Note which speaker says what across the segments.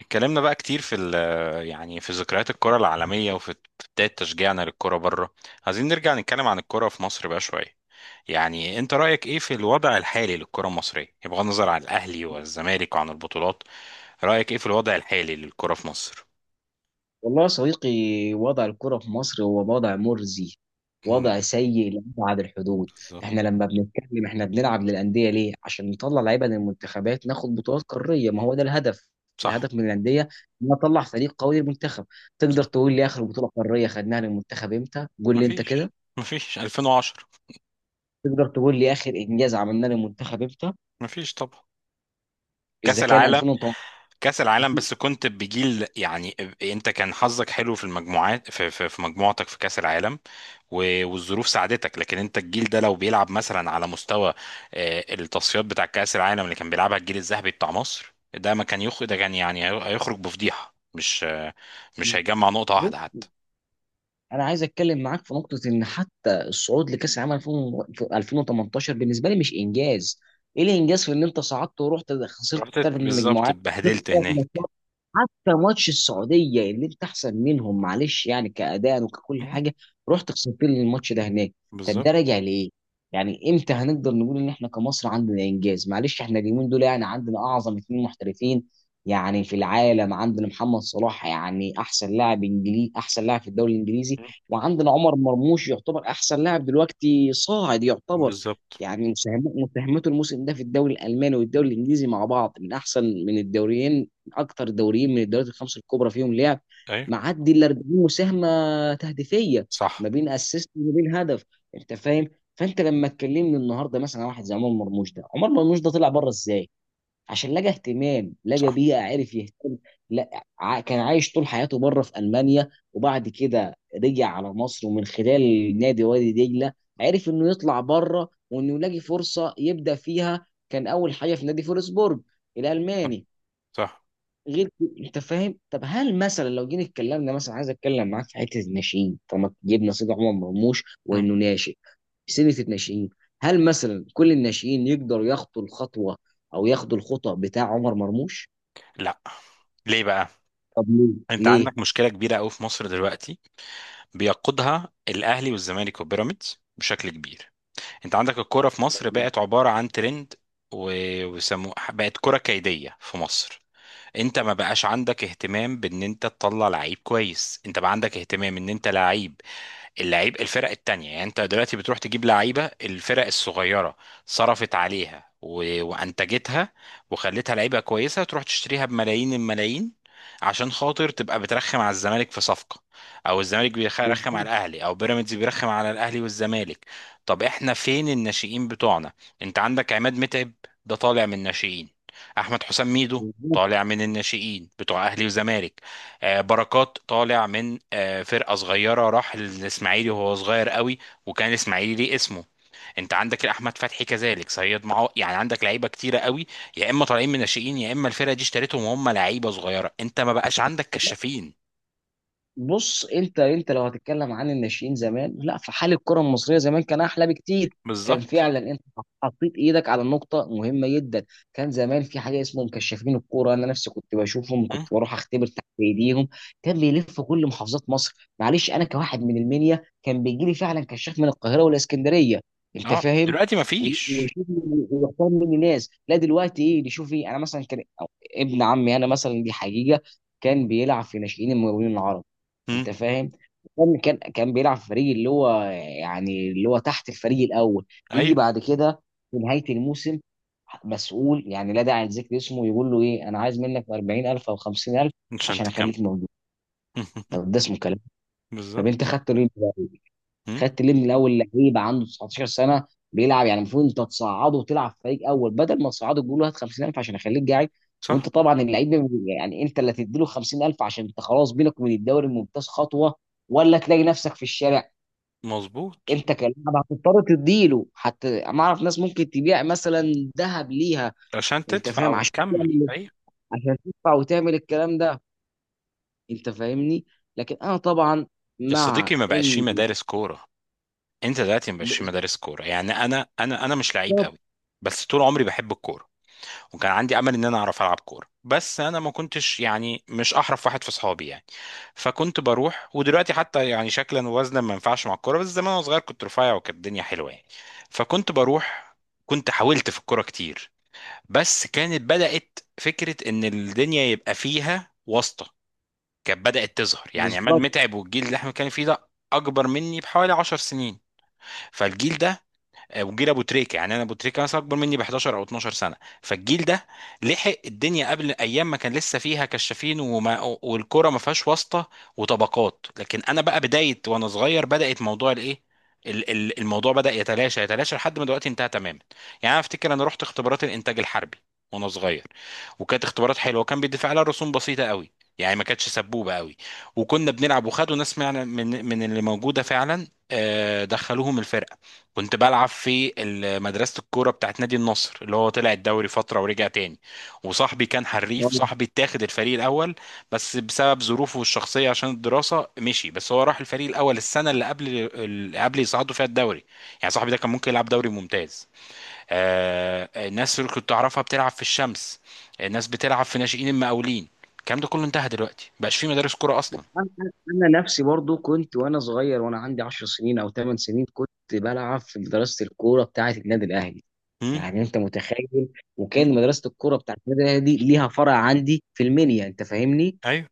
Speaker 1: اتكلمنا بقى كتير في ال يعني في ذكريات الكرة العالمية وفي بداية تشجيعنا للكرة بره. عايزين نرجع نتكلم عن الكرة في مصر بقى شوية. يعني انت رأيك ايه في الوضع الحالي للكرة المصرية بغض النظر عن الأهلي والزمالك وعن البطولات؟ رأيك ايه في الوضع الحالي للكرة في مصر؟
Speaker 2: والله يا صديقي، وضع الكرة في مصر هو وضع مرزي.
Speaker 1: مم،
Speaker 2: وضع سيء لأبعد الحدود.
Speaker 1: بالظبط.
Speaker 2: احنا لما بنتكلم، احنا بنلعب للأندية ليه؟ عشان نطلع لعيبة للمنتخبات، ناخد بطولات قارية. ما هو ده الهدف
Speaker 1: صح.
Speaker 2: الهدف من الأندية إن أطلع فريق قوي للمنتخب. تقدر
Speaker 1: صح.
Speaker 2: تقول لي آخر بطولة قارية خدناها للمنتخب إمتى؟ قول لي أنت كده.
Speaker 1: مفيش مفيش 2010.
Speaker 2: تقدر تقول لي آخر إنجاز عملناه للمنتخب إمتى؟
Speaker 1: مفيش طبعا. كأس
Speaker 2: إذا كان
Speaker 1: العالم.
Speaker 2: 2018.
Speaker 1: كأس العالم، بس كنت بجيل يعني. انت كان حظك حلو في المجموعات في مجموعتك في كأس العالم، و- والظروف ساعدتك، لكن انت الجيل ده لو بيلعب مثلا على مستوى التصفيات بتاع كأس العالم اللي كان بيلعبها الجيل الذهبي بتاع مصر ده ما كان يخرج، ده كان يعني هيخرج بفضيحة، مش هيجمع نقطة واحدة حتى.
Speaker 2: انا عايز اتكلم معاك في نقطه، ان حتى الصعود لكاس العالم 2000 في 2018 بالنسبه لي مش انجاز. ايه الانجاز في ان انت صعدت ورحت خسرت ثلاث
Speaker 1: بالظبط
Speaker 2: مجموعات؟ خسرت
Speaker 1: اتبهدلت
Speaker 2: ثلاث
Speaker 1: هناك.
Speaker 2: ماتشات. حتى ماتش السعوديه اللي انت احسن منهم، معلش يعني كاداء وككل
Speaker 1: مم.
Speaker 2: حاجه، رحت خسرت لي الماتش ده هناك. طب ده
Speaker 1: بالظبط.
Speaker 2: راجع لايه؟ يعني امتى هنقدر نقول ان احنا كمصر عندنا انجاز؟ معلش احنا اليومين دول يعني عندنا اعظم اثنين محترفين يعني في العالم. عندنا محمد صلاح، يعني احسن لاعب انجليزي، احسن لاعب في الدوري الانجليزي.
Speaker 1: مم.
Speaker 2: وعندنا عمر مرموش، يعتبر احسن لاعب دلوقتي صاعد يعتبر.
Speaker 1: بالظبط.
Speaker 2: يعني مساهمته الموسم ده في الدوري الالماني والدوري الانجليزي مع بعض من احسن من الدوريين، اكتر دوريين من الدوريات الخمسه الكبرى فيهم لعب،
Speaker 1: ايوه.
Speaker 2: معدي ال 40 مساهمه تهديفيه
Speaker 1: صح.
Speaker 2: ما بين اسيست وما بين هدف. انت فاهم؟ فانت لما تكلمني النهارده مثلا عن واحد زي عمر مرموش ده طلع بره ازاي؟ عشان لقى اهتمام، لقى
Speaker 1: صح.
Speaker 2: بيئه، عرف يهتم. لا ع- كان عايش طول حياته بره في المانيا، وبعد كده رجع على مصر، ومن خلال نادي وادي دجله عرف انه يطلع بره وانه يلاقي فرصه يبدا فيها. كان اول حاجه في نادي فولسبورج الالماني.
Speaker 1: صح.
Speaker 2: غير كده، انت فاهم. طب هل مثلا لو جينا اتكلمنا، مثلا عايز اتكلم معاك في حته الناشئين، طالما جبنا سيد عمر مرموش
Speaker 1: مم.
Speaker 2: وانه ناشئ سنه الناشئين، هل مثلا كل الناشئين يقدروا ياخدوا الخطوه او ياخدوا الخطأ بتاع عمر مرموش؟
Speaker 1: لا. ليه بقى؟
Speaker 2: طب
Speaker 1: انت
Speaker 2: ليه
Speaker 1: عندك مشكله كبيره قوي في مصر دلوقتي. بيقودها الاهلي والزمالك وبيراميدز بشكل كبير. انت عندك الكوره في مصر بقت عباره عن ترند، و- وسموه بقت كره كيديه في مصر. انت ما بقاش عندك اهتمام بان انت تطلع لعيب كويس، انت بقى عندك اهتمام ان انت لعيب اللعيب الفرق التانية. يعني انت دلوقتي بتروح تجيب لعيبة الفرق الصغيرة، صرفت عليها وانتجتها وخلتها لعيبة كويسة تروح تشتريها بملايين الملايين، عشان خاطر تبقى بترخم على الزمالك في صفقة، او الزمالك بيرخم على
Speaker 2: ليه؟
Speaker 1: الاهلي، او بيراميدز بيرخم على الاهلي والزمالك. طب احنا فين الناشئين بتوعنا؟ انت عندك عماد متعب، ده طالع من الناشئين. احمد حسام ميدو طالع من الناشئين بتوع اهلي وزمالك. بركات طالع من فرقة صغيرة، راح للإسماعيلي وهو صغير قوي، وكان الإسماعيلي ليه اسمه. انت عندك احمد فتحي كذلك، صياد معاه، يعني عندك لعيبه كتيره قوي. يا اما طالعين من ناشئين، يا اما الفرقه دي اشتريتهم وهم لعيبه صغيره. انت ما بقاش عندك كشافين.
Speaker 2: بص، انت لو هتتكلم عن الناشئين زمان، لا، في حال الكره المصريه زمان كان احلى بكتير. كان
Speaker 1: بالظبط.
Speaker 2: فعلا انت حطيت ايدك على النقطه مهمه جدا. كان زمان في حاجه اسمه مكشفين الكوره. انا نفسي كنت بشوفهم،
Speaker 1: مم.
Speaker 2: كنت بروح اختبر تحت ايديهم. كان بيلف كل محافظات مصر. معلش، انا كواحد من المنيا، كان بيجي لي فعلا كشاف من القاهره والاسكندريه. انت
Speaker 1: اه
Speaker 2: فاهم؟
Speaker 1: دلوقتي ما فيش.
Speaker 2: ويشوف ويختار مني ناس. لا دلوقتي ايه؟ شوفي، انا مثلا كان أو ابن عمي، انا مثلا دي حقيقه، كان بيلعب في ناشئين المقاولين العرب.
Speaker 1: مم.
Speaker 2: انت فاهم؟ كان بيلعب في فريق اللي هو يعني اللي هو تحت الفريق الاول. يجي
Speaker 1: ايوه.
Speaker 2: بعد كده في نهايه الموسم، مسؤول، يعني لا داعي لذكر اسمه، يقول له ايه؟ انا عايز منك 40000 او 50000
Speaker 1: عشان
Speaker 2: عشان
Speaker 1: تكمل.
Speaker 2: اخليك موجود. طب ده اسمه كلام؟ طب انت
Speaker 1: بالظبط.
Speaker 2: خدته ليه؟
Speaker 1: مم.
Speaker 2: خدت ليه من الاول؟ لعيب عنده 19 سنه بيلعب، يعني المفروض انت تصعده وتلعب فريق اول، بدل ما تصعده تقول له هات 50000 عشان اخليك قاعد.
Speaker 1: صح.
Speaker 2: وانت طبعا اللعيب، يعني انت اللي تديله 50000 عشان انت خلاص بينك وبين الدوري الممتاز خطوه، ولا تلاقي نفسك في الشارع.
Speaker 1: مظبوط.
Speaker 2: انت كلاعب هتضطر تديله. حتى ما اعرف ناس ممكن تبيع مثلا ذهب ليها.
Speaker 1: عشان
Speaker 2: انت
Speaker 1: تدفع
Speaker 2: فاهم؟ عشان
Speaker 1: وتكمل، ايوه.
Speaker 2: عشان تدفع وتعمل الكلام ده. انت فاهمني؟ لكن انا طبعا،
Speaker 1: يا
Speaker 2: مع
Speaker 1: صديقي ما بقاش في
Speaker 2: ان،
Speaker 1: مدارس كوره. انت دلوقتي مش مدارس كوره. يعني انا مش لعيب
Speaker 2: بالظبط.
Speaker 1: قوي، بس طول عمري بحب الكوره، وكان عندي امل ان انا اعرف العب كوره، بس انا ما كنتش يعني مش احرف واحد في اصحابي يعني، فكنت بروح. ودلوقتي حتى يعني شكلا ووزنا ما ينفعش مع الكوره، بس زمان وانا صغير كنت رفيع وكانت الدنيا حلوه يعني، فكنت بروح. كنت حاولت في الكوره كتير، بس كانت بدات فكره ان الدنيا يبقى فيها واسطه، كانت بدات تظهر. يعني عماد
Speaker 2: بالظبط،
Speaker 1: متعب والجيل اللي احنا كان فيه ده اكبر مني بحوالي 10 سنين، فالجيل ده وجيل ابو تريكه. يعني انا ابو تريكه مثلا اكبر مني ب 11 او 12 سنه. فالجيل ده لحق الدنيا قبل ايام ما كان لسه فيها كشافين، والكوره ما فيهاش واسطه وطبقات. لكن انا بقى بدايه وانا صغير بدات موضوع الايه الموضوع بدا يتلاشى يتلاشى لحد ما دلوقتي انتهى تماما. يعني انا افتكر انا رحت اختبارات الانتاج الحربي وانا صغير، وكانت اختبارات حلوه وكان بيدفع لها رسوم بسيطه قوي، يعني ما كانتش سبوبه قوي، وكنا بنلعب وخدوا ناس من اللي موجوده فعلا، دخلوهم الفرقه. كنت بلعب في مدرسة الكورة بتاعت نادي النصر اللي هو طلع الدوري فترة ورجع تاني، وصاحبي كان حريف. صاحبي اتاخد الفريق الأول، بس بسبب ظروفه الشخصية عشان الدراسة مشي، بس هو راح الفريق الأول السنة اللي قبل اللي قبل يصعدوا فيها الدوري. يعني صاحبي ده كان ممكن يلعب دوري ممتاز. آه الناس اللي كنت أعرفها بتلعب في الشمس، الناس بتلعب في ناشئين المقاولين، الكلام ده كله انتهى دلوقتي، مبقاش في مدارس كورة أصلا.
Speaker 2: انا أنا- أنا نفسي برضو كنت وانا صغير وانا عندي 10 سنين او 8 سنين كنت بلعب في مدرسه الكوره بتاعه النادي الاهلي.
Speaker 1: مم؟
Speaker 2: يعني انت متخيل؟
Speaker 1: مم؟
Speaker 2: وكان مدرسه الكوره بتاعه النادي الاهلي دي ليها فرع عندي في المنيا. انت فاهمني؟
Speaker 1: ايوه.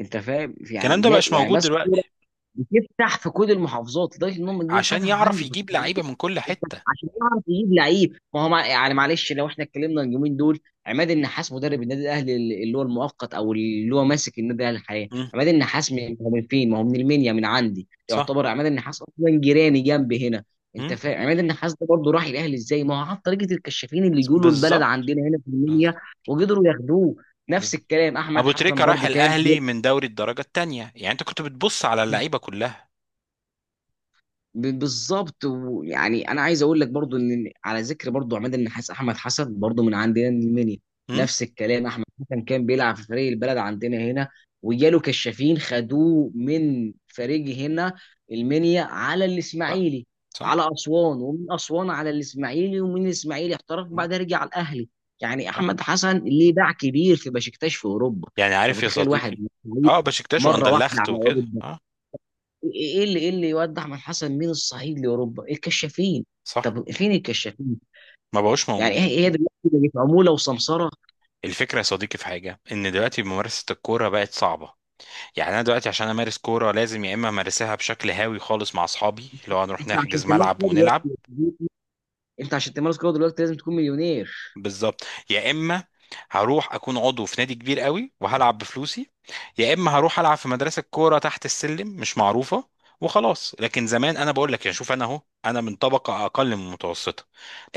Speaker 2: انت فاهم،
Speaker 1: الكلام
Speaker 2: يعني
Speaker 1: ده
Speaker 2: جا
Speaker 1: بقاش
Speaker 2: يعني
Speaker 1: موجود
Speaker 2: ماسك كوره،
Speaker 1: دلوقتي.
Speaker 2: بتفتح في كل المحافظات، لدرجه ان هم جم
Speaker 1: عشان
Speaker 2: فتحوا
Speaker 1: يعرف
Speaker 2: عندي في
Speaker 1: يجيب
Speaker 2: الصعيد
Speaker 1: لعيبة من كل حتة.
Speaker 2: عشان يعرف يجيب لعيب. ما هو يعني، معلش لو احنا اتكلمنا اليومين دول، عماد النحاس مدرب النادي الاهلي، اللي هو المؤقت او اللي هو ماسك النادي الاهلي حاليا،
Speaker 1: مم.
Speaker 2: عماد النحاس من هو؟ من فين؟ ما هو من المنيا، من عندي،
Speaker 1: صح.
Speaker 2: يعتبر عماد النحاس اصلا جيراني جنبي هنا. انت
Speaker 1: مم.
Speaker 2: فاهم؟ عماد النحاس ده برضه راح الاهلي ازاي؟ ما هو عن طريقه الكشافين اللي يجوا له البلد
Speaker 1: بالظبط.
Speaker 2: عندنا هنا في المنيا،
Speaker 1: بالظبط.
Speaker 2: وقدروا ياخدوه. نفس
Speaker 1: بالظبط.
Speaker 2: الكلام احمد
Speaker 1: ابو
Speaker 2: حسن
Speaker 1: تريكة راح
Speaker 2: برضه كان.
Speaker 1: الاهلي من دوري الدرجه الثانيه، يعني انت كنت بتبص على اللعيبه كلها.
Speaker 2: بالظبط. ويعني انا عايز اقول لك برضو، ان على ذكر برضو عماد النحاس، احمد حسن برضو من عندنا من المنيا.
Speaker 1: مم.
Speaker 2: نفس الكلام احمد حسن كان بيلعب في فريق البلد عندنا هنا، وجاله كشافين خدوه من فريق هنا المنيا على
Speaker 1: صح.
Speaker 2: الاسماعيلي،
Speaker 1: صح.
Speaker 2: على اسوان، ومن اسوان على الاسماعيلي، ومن الاسماعيلي احترف،
Speaker 1: مم.
Speaker 2: وبعدها رجع على الاهلي. يعني
Speaker 1: اه.
Speaker 2: احمد حسن ليه باع كبير في بشكتاش في اوروبا.
Speaker 1: يعني
Speaker 2: انت
Speaker 1: عارف يا
Speaker 2: متخيل واحد
Speaker 1: صديقي، اه بشكتاش
Speaker 2: مره واحده
Speaker 1: واندلخت
Speaker 2: على
Speaker 1: وكده،
Speaker 2: اوروبا؟
Speaker 1: اه.
Speaker 2: ايه اللي يوضح من حسن مين؟ الصعيد لاوروبا الكشافين.
Speaker 1: صح.
Speaker 2: طب فين الكشافين؟
Speaker 1: ما بقوش
Speaker 2: يعني هي
Speaker 1: موجودين.
Speaker 2: هي دلوقتي بقت عموله وسمسره.
Speaker 1: الفكره يا صديقي في حاجه ان دلوقتي ممارسه الكوره بقت صعبه. يعني انا دلوقتي عشان امارس كوره لازم يا اما امارسها بشكل هاوي خالص مع اصحابي لو هنروح
Speaker 2: انت عشان
Speaker 1: نحجز
Speaker 2: تمارس
Speaker 1: ملعب
Speaker 2: كده
Speaker 1: ونلعب.
Speaker 2: دلوقتي، انت عشان تمارس كده دلوقتي لازم تكون مليونير.
Speaker 1: بالظبط. يا اما هروح اكون عضو في نادي كبير قوي وهلعب بفلوسي، يا اما هروح العب في مدرسه كوره تحت السلم مش معروفه وخلاص. لكن زمان انا بقول لك يعني شوف، انا اهو انا من طبقه اقل من المتوسطه،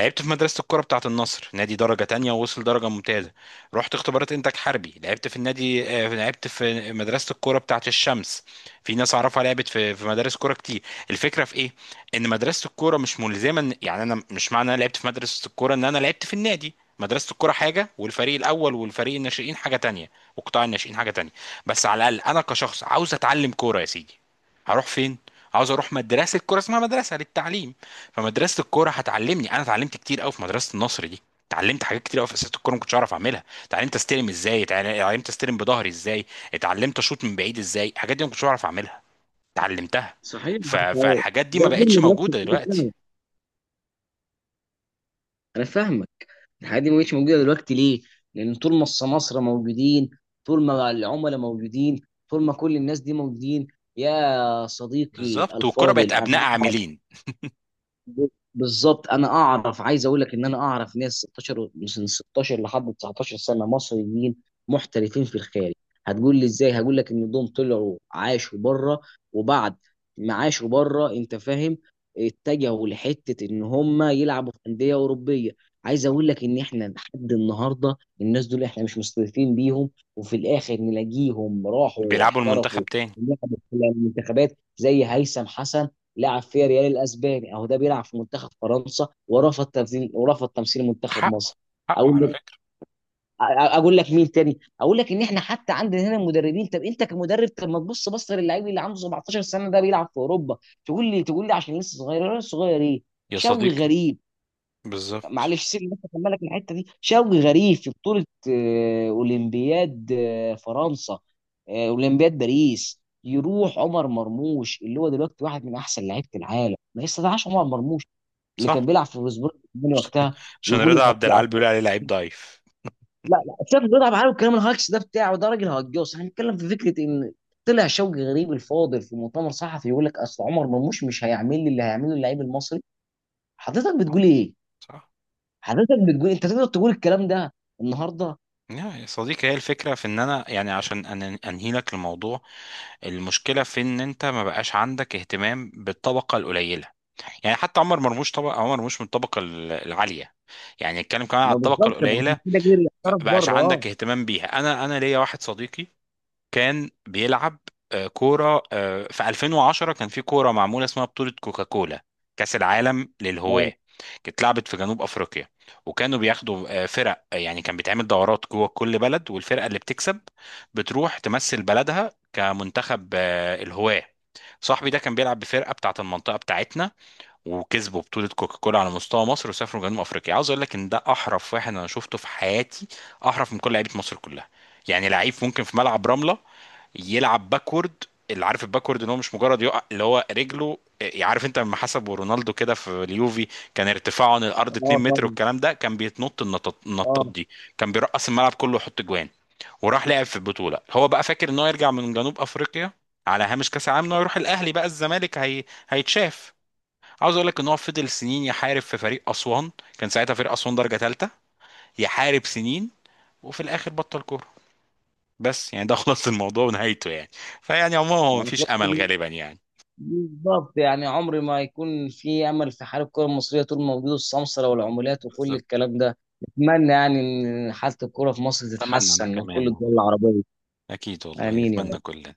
Speaker 1: لعبت في مدرسه الكوره بتاعه النصر، نادي درجه تانية ووصل درجه ممتازه. رحت اختبارات انتاج حربي، لعبت في النادي لعبت في مدرسه الكوره بتاعه الشمس. في ناس اعرفها لعبت في مدارس كوره كتير. الفكره في ايه؟ ان مدرسه الكوره مش ملزمه. يعني انا مش معنى انا لعبت في مدرسه الكوره ان انا لعبت في النادي. مدرسة الكرة حاجة، والفريق الأول والفريق الناشئين حاجة تانية، وقطاع الناشئين حاجة تانية. بس على الأقل أنا كشخص عاوز أتعلم كورة يا سيدي هروح فين؟ عاوز أروح مدرسة كورة اسمها مدرسة للتعليم. فمدرسة الكورة هتعلمني. أنا اتعلمت كتير أوي في مدرسة النصر دي، اتعلمت حاجات كتير قوي في اساسات الكوره ما كنتش اعرف اعملها. اتعلمت استلم ازاي، اتعلمت استلم بظهري ازاي، اتعلمت اشوط من بعيد ازاي. الحاجات دي ما كنتش اعرف اعملها، اتعلمتها.
Speaker 2: صحيح ولا صحيح؟
Speaker 1: فالحاجات دي
Speaker 2: ده
Speaker 1: ما
Speaker 2: دول
Speaker 1: بقتش
Speaker 2: مدرسه
Speaker 1: موجوده
Speaker 2: الكوره
Speaker 1: دلوقتي.
Speaker 2: فعلا. انا فاهمك. الحاجات دي ما بقتش موجوده دلوقتي ليه؟ لان طول ما السماسره موجودين، طول ما العملاء موجودين، طول ما كل الناس دي موجودين. يا صديقي
Speaker 1: بالظبط، والكوره بقت
Speaker 2: الفاضل، انا
Speaker 1: ابناء عاملين.
Speaker 2: ب- بالظبط. انا اعرف، عايز اقول لك ان انا اعرف ناس 16 من 16 لحد 19 سنه، مصريين، محترفين في الخارج. هتقول لي ازاي؟ هقول لك ان دول طلعوا عاشوا بره، وبعد ما عاشوا بره، انت فاهم، اتجهوا لحته ان هم يلعبوا في انديه اوروبيه. عايز اقول لك ان احنا لحد النهارده الناس دول احنا مش مستضيفين بيهم، وفي الاخر نلاقيهم راحوا
Speaker 1: بيلعبوا المنتخب
Speaker 2: احترفوا
Speaker 1: تاني.
Speaker 2: ولعبوا في المنتخبات، زي هيثم حسن. لعب في ريال الاسباني، اهو ده بيلعب في منتخب فرنسا، ورفض تمثيل منتخب مصر.
Speaker 1: حقه
Speaker 2: اقول
Speaker 1: على
Speaker 2: لك
Speaker 1: فكرة.
Speaker 2: اقول لك مين تاني. اقول لك ان احنا حتى عندنا هنا مدربين. طب انت كمدرب، طب ما تبص، بص للعيب اللي عنده 17 سنه ده بيلعب في اوروبا. تقول لي عشان لسه صغير، أنا صغير ايه؟
Speaker 1: يا
Speaker 2: شوي
Speaker 1: صديقي.
Speaker 2: غريب،
Speaker 1: بالظبط.
Speaker 2: معلش سيب بس اكملك الحته دي. شوقي غريب في بطوله اولمبياد فرنسا، اولمبياد باريس، يروح عمر مرموش اللي هو دلوقتي واحد من احسن لعيبه العالم، ما يستدعاش عمر مرموش اللي كان
Speaker 1: صح.
Speaker 2: بيلعب في فوسبورج الألماني وقتها.
Speaker 1: عشان
Speaker 2: يقول لك
Speaker 1: رضا عبد العال بيقول عليه لعيب ضعيف.
Speaker 2: لا لا، شاف بيلعب معاه، والكلام الهاكس ده بتاعه، ده راجل هجوس. احنا بنتكلم في فكره، ان طلع شوقي غريب الفاضل في مؤتمر صحفي يقول لك اصل عمر مرموش مش هيعمل لي اللي هيعمله اللعيب المصري. حضرتك
Speaker 1: صح.
Speaker 2: بتقول ايه؟
Speaker 1: صح.
Speaker 2: حضرتك بتقول انت تقدر تقول الكلام ده النهارده؟
Speaker 1: يا صديقي، هي الفكرة في ان انا يعني عشان انهي لك الموضوع، المشكلة في ان انت ما بقاش عندك اهتمام بالطبقة القليلة. يعني حتى عمر مرموش، طبق عمر مرموش من الطبقة العالية، يعني نتكلم كمان على
Speaker 2: ما
Speaker 1: الطبقة
Speaker 2: بالظبط، ما عشان
Speaker 1: القليلة.
Speaker 2: كده جيل
Speaker 1: ما
Speaker 2: احترف
Speaker 1: بقاش
Speaker 2: بره.
Speaker 1: عندك
Speaker 2: اه.
Speaker 1: اهتمام بيها. انا ليا واحد صديقي كان بيلعب كورة في 2010. كان في كورة معمولة اسمها بطولة كوكاكولا، كأس العالم
Speaker 2: اه
Speaker 1: للهواة، كانت لعبت في جنوب أفريقيا، وكانوا بياخدوا فرق، يعني كان بيتعمل دورات جوه كل بلد، والفرقة اللي بتكسب بتروح تمثل بلدها كمنتخب الهواة. صاحبي ده كان بيلعب بفرقة بتاعة المنطقة بتاعتنا، وكسبوا بطولة كوكاكولا على مستوى مصر وسافروا جنوب أفريقيا. عاوز أقول لك إن ده أحرف واحد أنا شفته في حياتي، أحرف من كل لعيبة مصر كلها. يعني لعيب ممكن في ملعب رملة يلعب باكورد، اللي عارف الباكورد ان هو مش مجرد يقع اللي هو رجله إيه، عارف انت لما حسبوا رونالدو كده في اليوفي كان ارتفاعه عن الارض
Speaker 2: آه
Speaker 1: 2 متر
Speaker 2: طبعا.
Speaker 1: والكلام ده؟ كان بيتنط النطط
Speaker 2: اه.
Speaker 1: النطاط دي، كان بيرقص الملعب كله ويحط جوان. وراح لعب في البطوله، هو بقى فاكر ان هو يرجع من جنوب افريقيا على هامش كاس العالم ان هو يروح الاهلي بقى الزمالك هيتشاف. عاوز اقول لك ان هو فضل سنين يحارب في فريق اسوان، كان ساعتها فريق اسوان درجه ثالثه، يحارب سنين، وفي الاخر بطل كوره. بس يعني ده خلاص الموضوع ونهايته يعني. فيعني عموما هو
Speaker 2: يعني
Speaker 1: مفيش
Speaker 2: خلاص.
Speaker 1: امل غالبا يعني.
Speaker 2: بالظبط. يعني عمري ما يكون في امل في حال الكره المصريه طول ما موجود السمسره والعمولات وكل
Speaker 1: بالظبط.
Speaker 2: الكلام ده. اتمنى يعني ان حاله الكره في مصر
Speaker 1: اتمنى انا
Speaker 2: تتحسن، وكل
Speaker 1: كمان
Speaker 2: الدول
Speaker 1: والله.
Speaker 2: العربيه.
Speaker 1: اكيد والله
Speaker 2: امين
Speaker 1: نتمنى
Speaker 2: يا
Speaker 1: كلنا.